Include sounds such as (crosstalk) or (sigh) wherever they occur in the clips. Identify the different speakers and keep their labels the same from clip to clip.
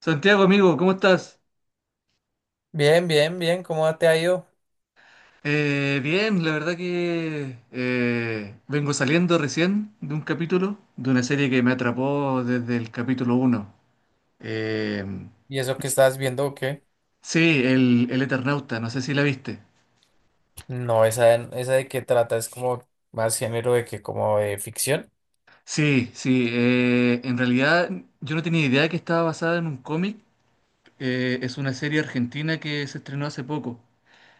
Speaker 1: Santiago, amigo, ¿cómo estás?
Speaker 2: Bien, bien, bien, ¿cómo te ha ido?
Speaker 1: Bien, la verdad que vengo saliendo recién de un capítulo, de una serie que me atrapó desde el capítulo uno. Eh,
Speaker 2: ¿Y eso que estás viendo o qué?
Speaker 1: sí, el Eternauta, no sé si la viste.
Speaker 2: No, esa, esa de qué trata es como más género de que como de ficción.
Speaker 1: Sí, sí, en realidad yo no tenía idea que estaba basada en un cómic. Es una serie argentina que se estrenó hace poco.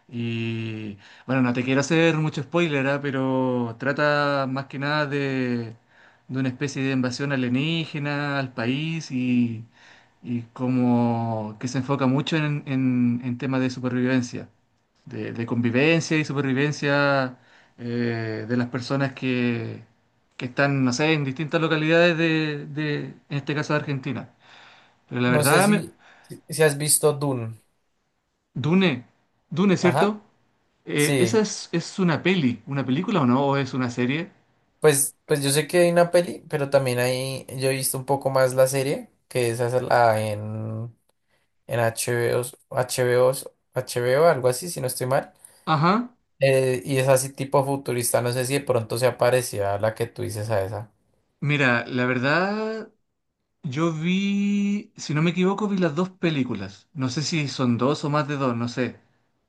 Speaker 1: Y bueno, no te quiero hacer mucho spoiler, ¿ah? Pero trata más que nada de una especie de invasión alienígena al país y como que se enfoca mucho en temas de supervivencia, de convivencia y supervivencia de las personas que están, no sé, en distintas localidades en este caso de Argentina. Pero la
Speaker 2: No sé
Speaker 1: verdad
Speaker 2: si, si si has visto Dune.
Speaker 1: Dune, Dune,
Speaker 2: Ajá,
Speaker 1: ¿cierto? Eh, ¿esa
Speaker 2: sí.
Speaker 1: es, Es una peli, una película o no? ¿O es una serie?
Speaker 2: Pues yo sé que hay una peli, pero también hay, yo he visto un poco más la serie, que esa es la en HBO, HBO, HBO, algo así, si no estoy mal.
Speaker 1: Ajá.
Speaker 2: Y es así tipo futurista, no sé si de pronto se aparecía la que tú dices a esa.
Speaker 1: Mira, la verdad, yo vi, si no me equivoco, vi las dos películas. No sé si son dos o más de dos, no sé.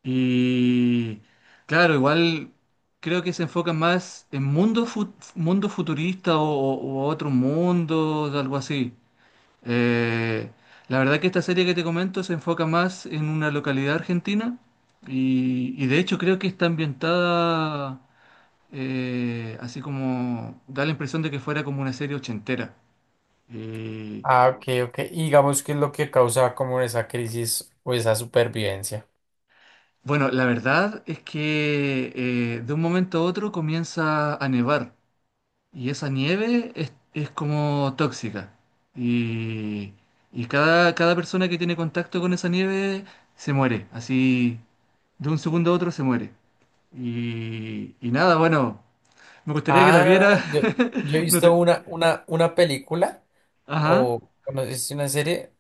Speaker 1: Y claro, igual creo que se enfocan más en mundo futurista o otro mundo, algo así. Eh, la verdad que esta serie que te comento se enfoca más en una localidad argentina y de hecho creo que está ambientada así como da la impresión de que fuera como una serie ochentera. Y
Speaker 2: Ah, ok, ok. Y digamos qué es lo que causa como esa crisis o esa supervivencia.
Speaker 1: bueno, la verdad es que de un momento a otro comienza a nevar y esa nieve es como tóxica y, cada persona que tiene contacto con esa nieve se muere, así de un segundo a otro se muere. Y nada, bueno, me gustaría que la
Speaker 2: Ah,
Speaker 1: viera.
Speaker 2: yo he
Speaker 1: (laughs) No
Speaker 2: visto
Speaker 1: te-
Speaker 2: una película
Speaker 1: Ajá.
Speaker 2: o bueno, es una serie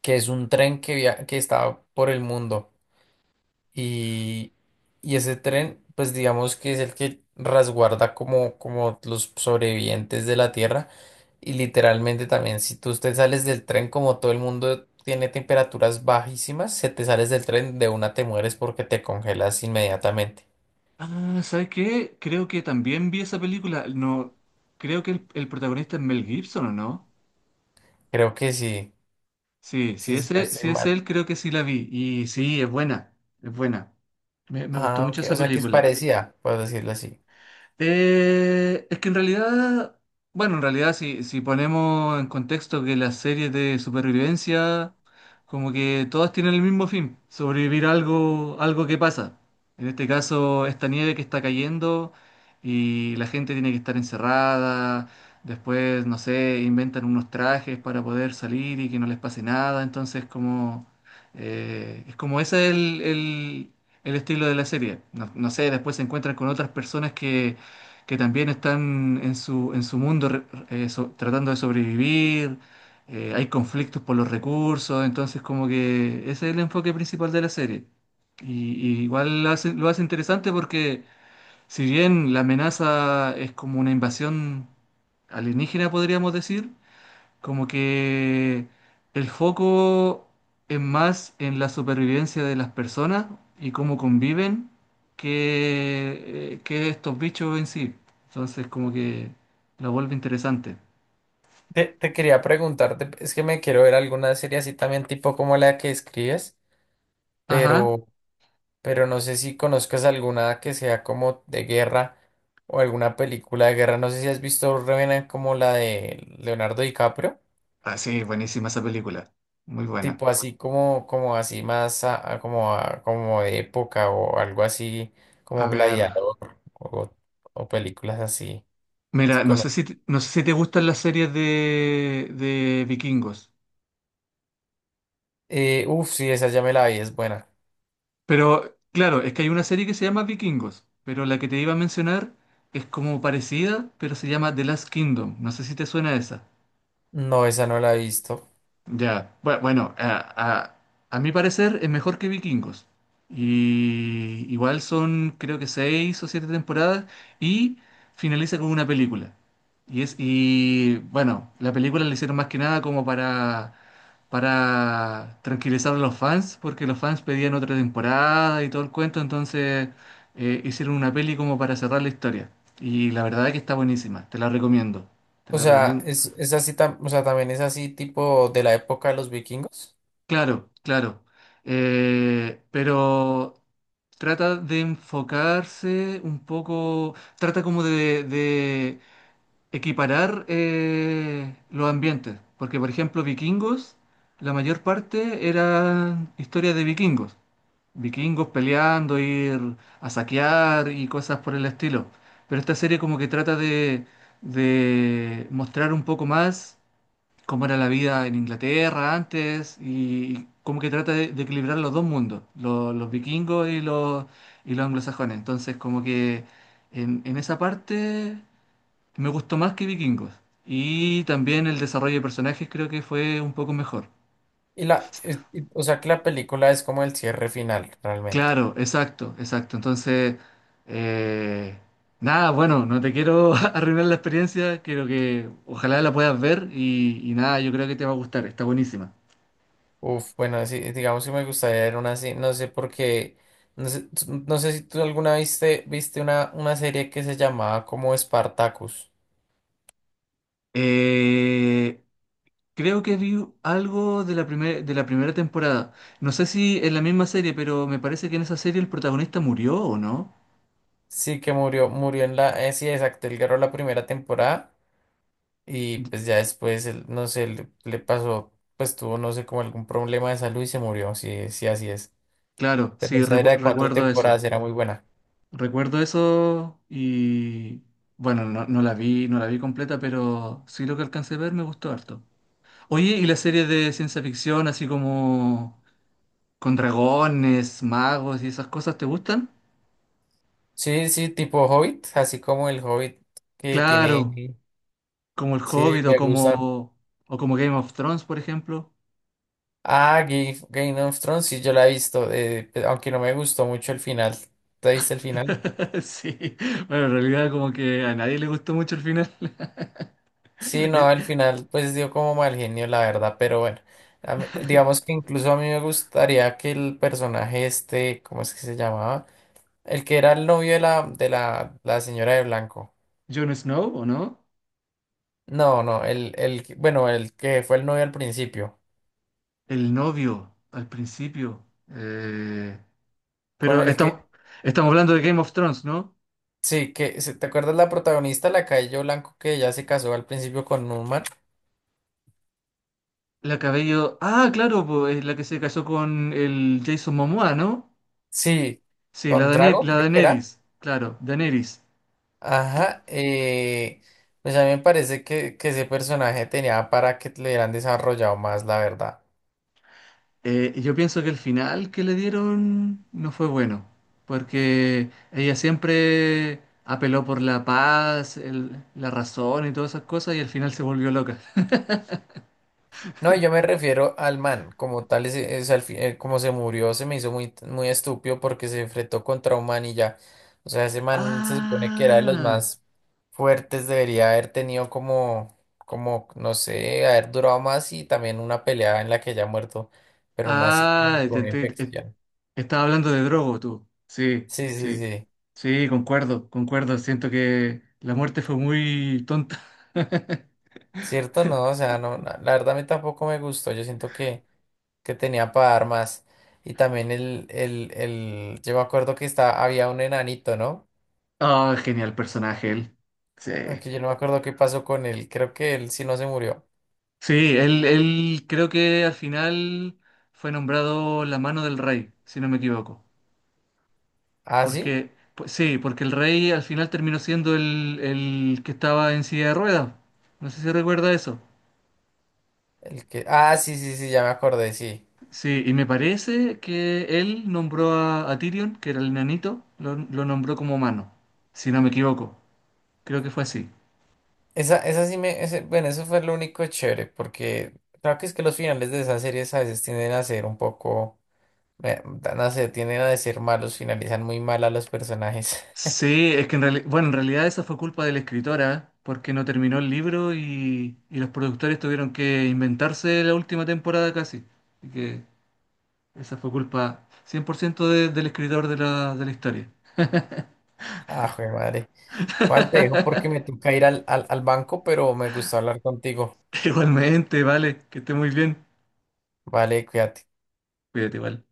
Speaker 2: que es un tren que está por el mundo. Y, y ese tren, pues digamos que es el que resguarda como, como los sobrevivientes de la Tierra. Y literalmente también, si tú te sales del tren, como todo el mundo tiene temperaturas bajísimas, si te sales del tren, de una te mueres porque te congelas inmediatamente.
Speaker 1: Ah, ¿sabes qué? Creo que también vi esa película. No, creo que el protagonista es Mel Gibson, ¿o no?
Speaker 2: Creo que sí,
Speaker 1: Sí, si
Speaker 2: sí, sí, no
Speaker 1: ese,
Speaker 2: estoy
Speaker 1: si es
Speaker 2: mal.
Speaker 1: él, creo que sí la vi. Y sí, es buena, es buena. Me gustó
Speaker 2: Ah,
Speaker 1: mucho
Speaker 2: ok,
Speaker 1: esa
Speaker 2: o sea que es
Speaker 1: película.
Speaker 2: parecida, por decirlo así.
Speaker 1: Es que en realidad, bueno, en realidad si, si ponemos en contexto que las series de supervivencia, como que todas tienen el mismo fin, sobrevivir a algo, algo que pasa. En este caso, esta nieve que está cayendo y la gente tiene que estar encerrada, después, no sé, inventan unos trajes para poder salir y que no les pase nada, entonces como, es como ese es el estilo de la serie. No, no sé, después se encuentran con otras personas que también están en su mundo tratando de sobrevivir, hay conflictos por los recursos, entonces como que ese es el enfoque principal de la serie. Y, y igual lo hace interesante porque si bien la amenaza es como una invasión alienígena, podríamos decir, como que el foco es más en la supervivencia de las personas y cómo conviven que estos bichos en sí. Entonces, como que lo vuelve interesante.
Speaker 2: Te quería preguntarte, es que me quiero ver alguna serie así también tipo como la que escribes,
Speaker 1: Ajá.
Speaker 2: pero... pero no sé si conozcas alguna que sea como de guerra o alguna película de guerra. No sé si has visto Revenant como la de Leonardo DiCaprio,
Speaker 1: Ah, sí, buenísima esa película. Muy buena.
Speaker 2: tipo así como, como así más a- como de época o algo así
Speaker 1: A
Speaker 2: como
Speaker 1: ver.
Speaker 2: Gladiador o, o películas así. Sí
Speaker 1: Mira, no sé
Speaker 2: cono-
Speaker 1: si, no sé si te gustan las series de vikingos.
Speaker 2: Uf, sí, esa ya me la vi, es buena.
Speaker 1: Pero claro, es que hay una serie que se llama Vikingos, pero la que te iba a mencionar es como parecida, pero se llama The Last Kingdom. No sé si te suena esa.
Speaker 2: No, esa no la he visto.
Speaker 1: Ya, bueno, a mi parecer es mejor que Vikingos. Y igual son creo que seis o siete temporadas y finaliza con una película. Y es, y bueno, la película la hicieron más que nada como para tranquilizar a los fans, porque los fans pedían otra temporada y todo el cuento, entonces hicieron una peli como para cerrar la historia. Y la verdad es que está buenísima, te la recomiendo. Te
Speaker 2: O
Speaker 1: la
Speaker 2: sea,
Speaker 1: recomiendo.
Speaker 2: es así, o sea, también es así tipo de la época de los vikingos.
Speaker 1: Claro, claro. Pero trata de enfocarse un poco, trata como de equiparar los ambientes, porque por ejemplo, Vikingos, la mayor parte eran historias de vikingos. Vikingos peleando, ir a saquear y cosas por el estilo. Pero esta serie como que trata de mostrar un poco más cómo era la vida en Inglaterra antes y como que trata de equilibrar los dos mundos, los vikingos y los anglosajones. Entonces como que en esa parte me gustó más que vikingos. Y también el desarrollo de personajes creo que fue un poco mejor.
Speaker 2: O sea que la película es como el cierre final, realmente.
Speaker 1: Claro, exacto, exacto. Entonces, eh, nada, bueno, no te quiero (laughs) arruinar la experiencia, quiero que ojalá la puedas ver y nada, yo creo que te va a gustar, está buenísima.
Speaker 2: Uf, bueno, sí, digamos que me gustaría ver una así, no sé por qué, no sé, no sé si tú alguna viste una serie que se llamaba como Spartacus.
Speaker 1: Eh, creo que vi algo de de la primera temporada. No sé si en la misma serie, pero me parece que en esa serie el protagonista murió o no.
Speaker 2: Sí, que murió en la, sí, exacto, él ganó la primera temporada y pues ya después, él, no sé, le pasó, pues tuvo, no sé, como algún problema de salud y se murió, sí, sí, así es.
Speaker 1: Claro,
Speaker 2: Pero
Speaker 1: sí,
Speaker 2: esa era de cuatro
Speaker 1: recuerdo
Speaker 2: temporadas,
Speaker 1: eso.
Speaker 2: era muy buena.
Speaker 1: Recuerdo eso y bueno, no, no la vi, no la vi completa, pero sí lo que alcancé a ver me gustó harto. Oye, ¿y las series de ciencia ficción, así como con dragones, magos y esas cosas, te gustan?
Speaker 2: Sí, sí, tipo Hobbit, así como el Hobbit que
Speaker 1: Claro,
Speaker 2: tiene.
Speaker 1: como El
Speaker 2: Sí,
Speaker 1: Hobbit
Speaker 2: me gusta.
Speaker 1: o como Game of Thrones, por ejemplo.
Speaker 2: Ah, Game of Thrones, sí, yo la he visto, aunque no me gustó mucho el final. ¿Te viste el final?
Speaker 1: (laughs) Sí, bueno, en realidad como que a nadie le gustó mucho el final.
Speaker 2: Sí,
Speaker 1: (laughs) Y-
Speaker 2: no, el final pues dio como mal genio, la verdad, pero bueno. Digamos que incluso a mí me gustaría que el personaje este, ¿cómo es que se llamaba? El que era el novio de la señora de blanco.
Speaker 1: Jon Snow, ¿o no?
Speaker 2: No, no, bueno, el que fue el novio al principio.
Speaker 1: El novio, al principio.
Speaker 2: Con
Speaker 1: Pero
Speaker 2: el que
Speaker 1: estamos, Estamos hablando de Game of Thrones, ¿no?
Speaker 2: sí, que ¿te acuerdas la protagonista, la Cabello Blanco, que ya se casó al principio con Numan?
Speaker 1: La cabello... Ah, claro, pues, es la que se casó con el Jason Momoa, ¿no?
Speaker 2: Sí,
Speaker 1: Sí,
Speaker 2: con Drago,
Speaker 1: La
Speaker 2: creo que era.
Speaker 1: Daenerys, claro, Daenerys.
Speaker 2: Ajá, pues a mí me parece que ese personaje tenía para que le hubieran desarrollado más, la verdad.
Speaker 1: Yo pienso que el final que le dieron no fue bueno, porque ella siempre apeló por la paz, la razón y todas esas cosas, y al final se volvió loca.
Speaker 2: No, y yo me refiero al man, como tal, como se murió, se me hizo muy, muy estúpido porque se enfrentó contra un man y ya. O sea, ese man se supone que era de los
Speaker 1: Ah,
Speaker 2: más fuertes, debería haber tenido como, no sé, haber durado más y también una pelea en la que ya muerto, pero no así
Speaker 1: ah,
Speaker 2: como por una infección.
Speaker 1: estaba hablando de Drogo tú. Sí,
Speaker 2: Sí, sí,
Speaker 1: sí,
Speaker 2: sí.
Speaker 1: sí, concuerdo, concuerdo. Siento que la muerte fue muy tonta. (laughs)
Speaker 2: Cierto, no, o sea, no, la verdad a mí tampoco me gustó. Yo siento que tenía para dar más. Y también yo me acuerdo que estaba, había un enanito, ¿no?
Speaker 1: Ah, genial personaje él. Sí.
Speaker 2: Aunque yo no me acuerdo qué pasó con él. Creo que él sí no se murió.
Speaker 1: Sí, él creo que al final fue nombrado la mano del rey, si no me equivoco.
Speaker 2: ¿Ah, sí?
Speaker 1: Porque, pues, sí, porque el rey al final terminó siendo el que estaba en silla de ruedas. No sé si recuerda eso.
Speaker 2: El que, ah, sí, sí, sí, ya me acordé, sí.
Speaker 1: Sí, y me parece que él nombró a Tyrion, que era el nanito, lo nombró como mano, si no me equivoco. Creo que fue así.
Speaker 2: Esa sí me, bueno, eso fue lo único chévere, porque creo que es que los finales de esas series a veces tienden a ser un poco, eh, no sé, tienden a ser malos, finalizan muy mal a los personajes. (laughs)
Speaker 1: Sí, es que en realidad, bueno, en realidad esa fue culpa de la escritora, porque no terminó el libro y los productores tuvieron que inventarse la última temporada casi. Así que esa fue culpa 100% del escritor de la historia.
Speaker 2: Ah, joder, madre. Juan, te dejo porque me toca ir al banco, pero me gustó hablar contigo.
Speaker 1: (laughs) Igualmente, vale, que esté muy bien.
Speaker 2: Vale, cuídate.
Speaker 1: Cuídate igual.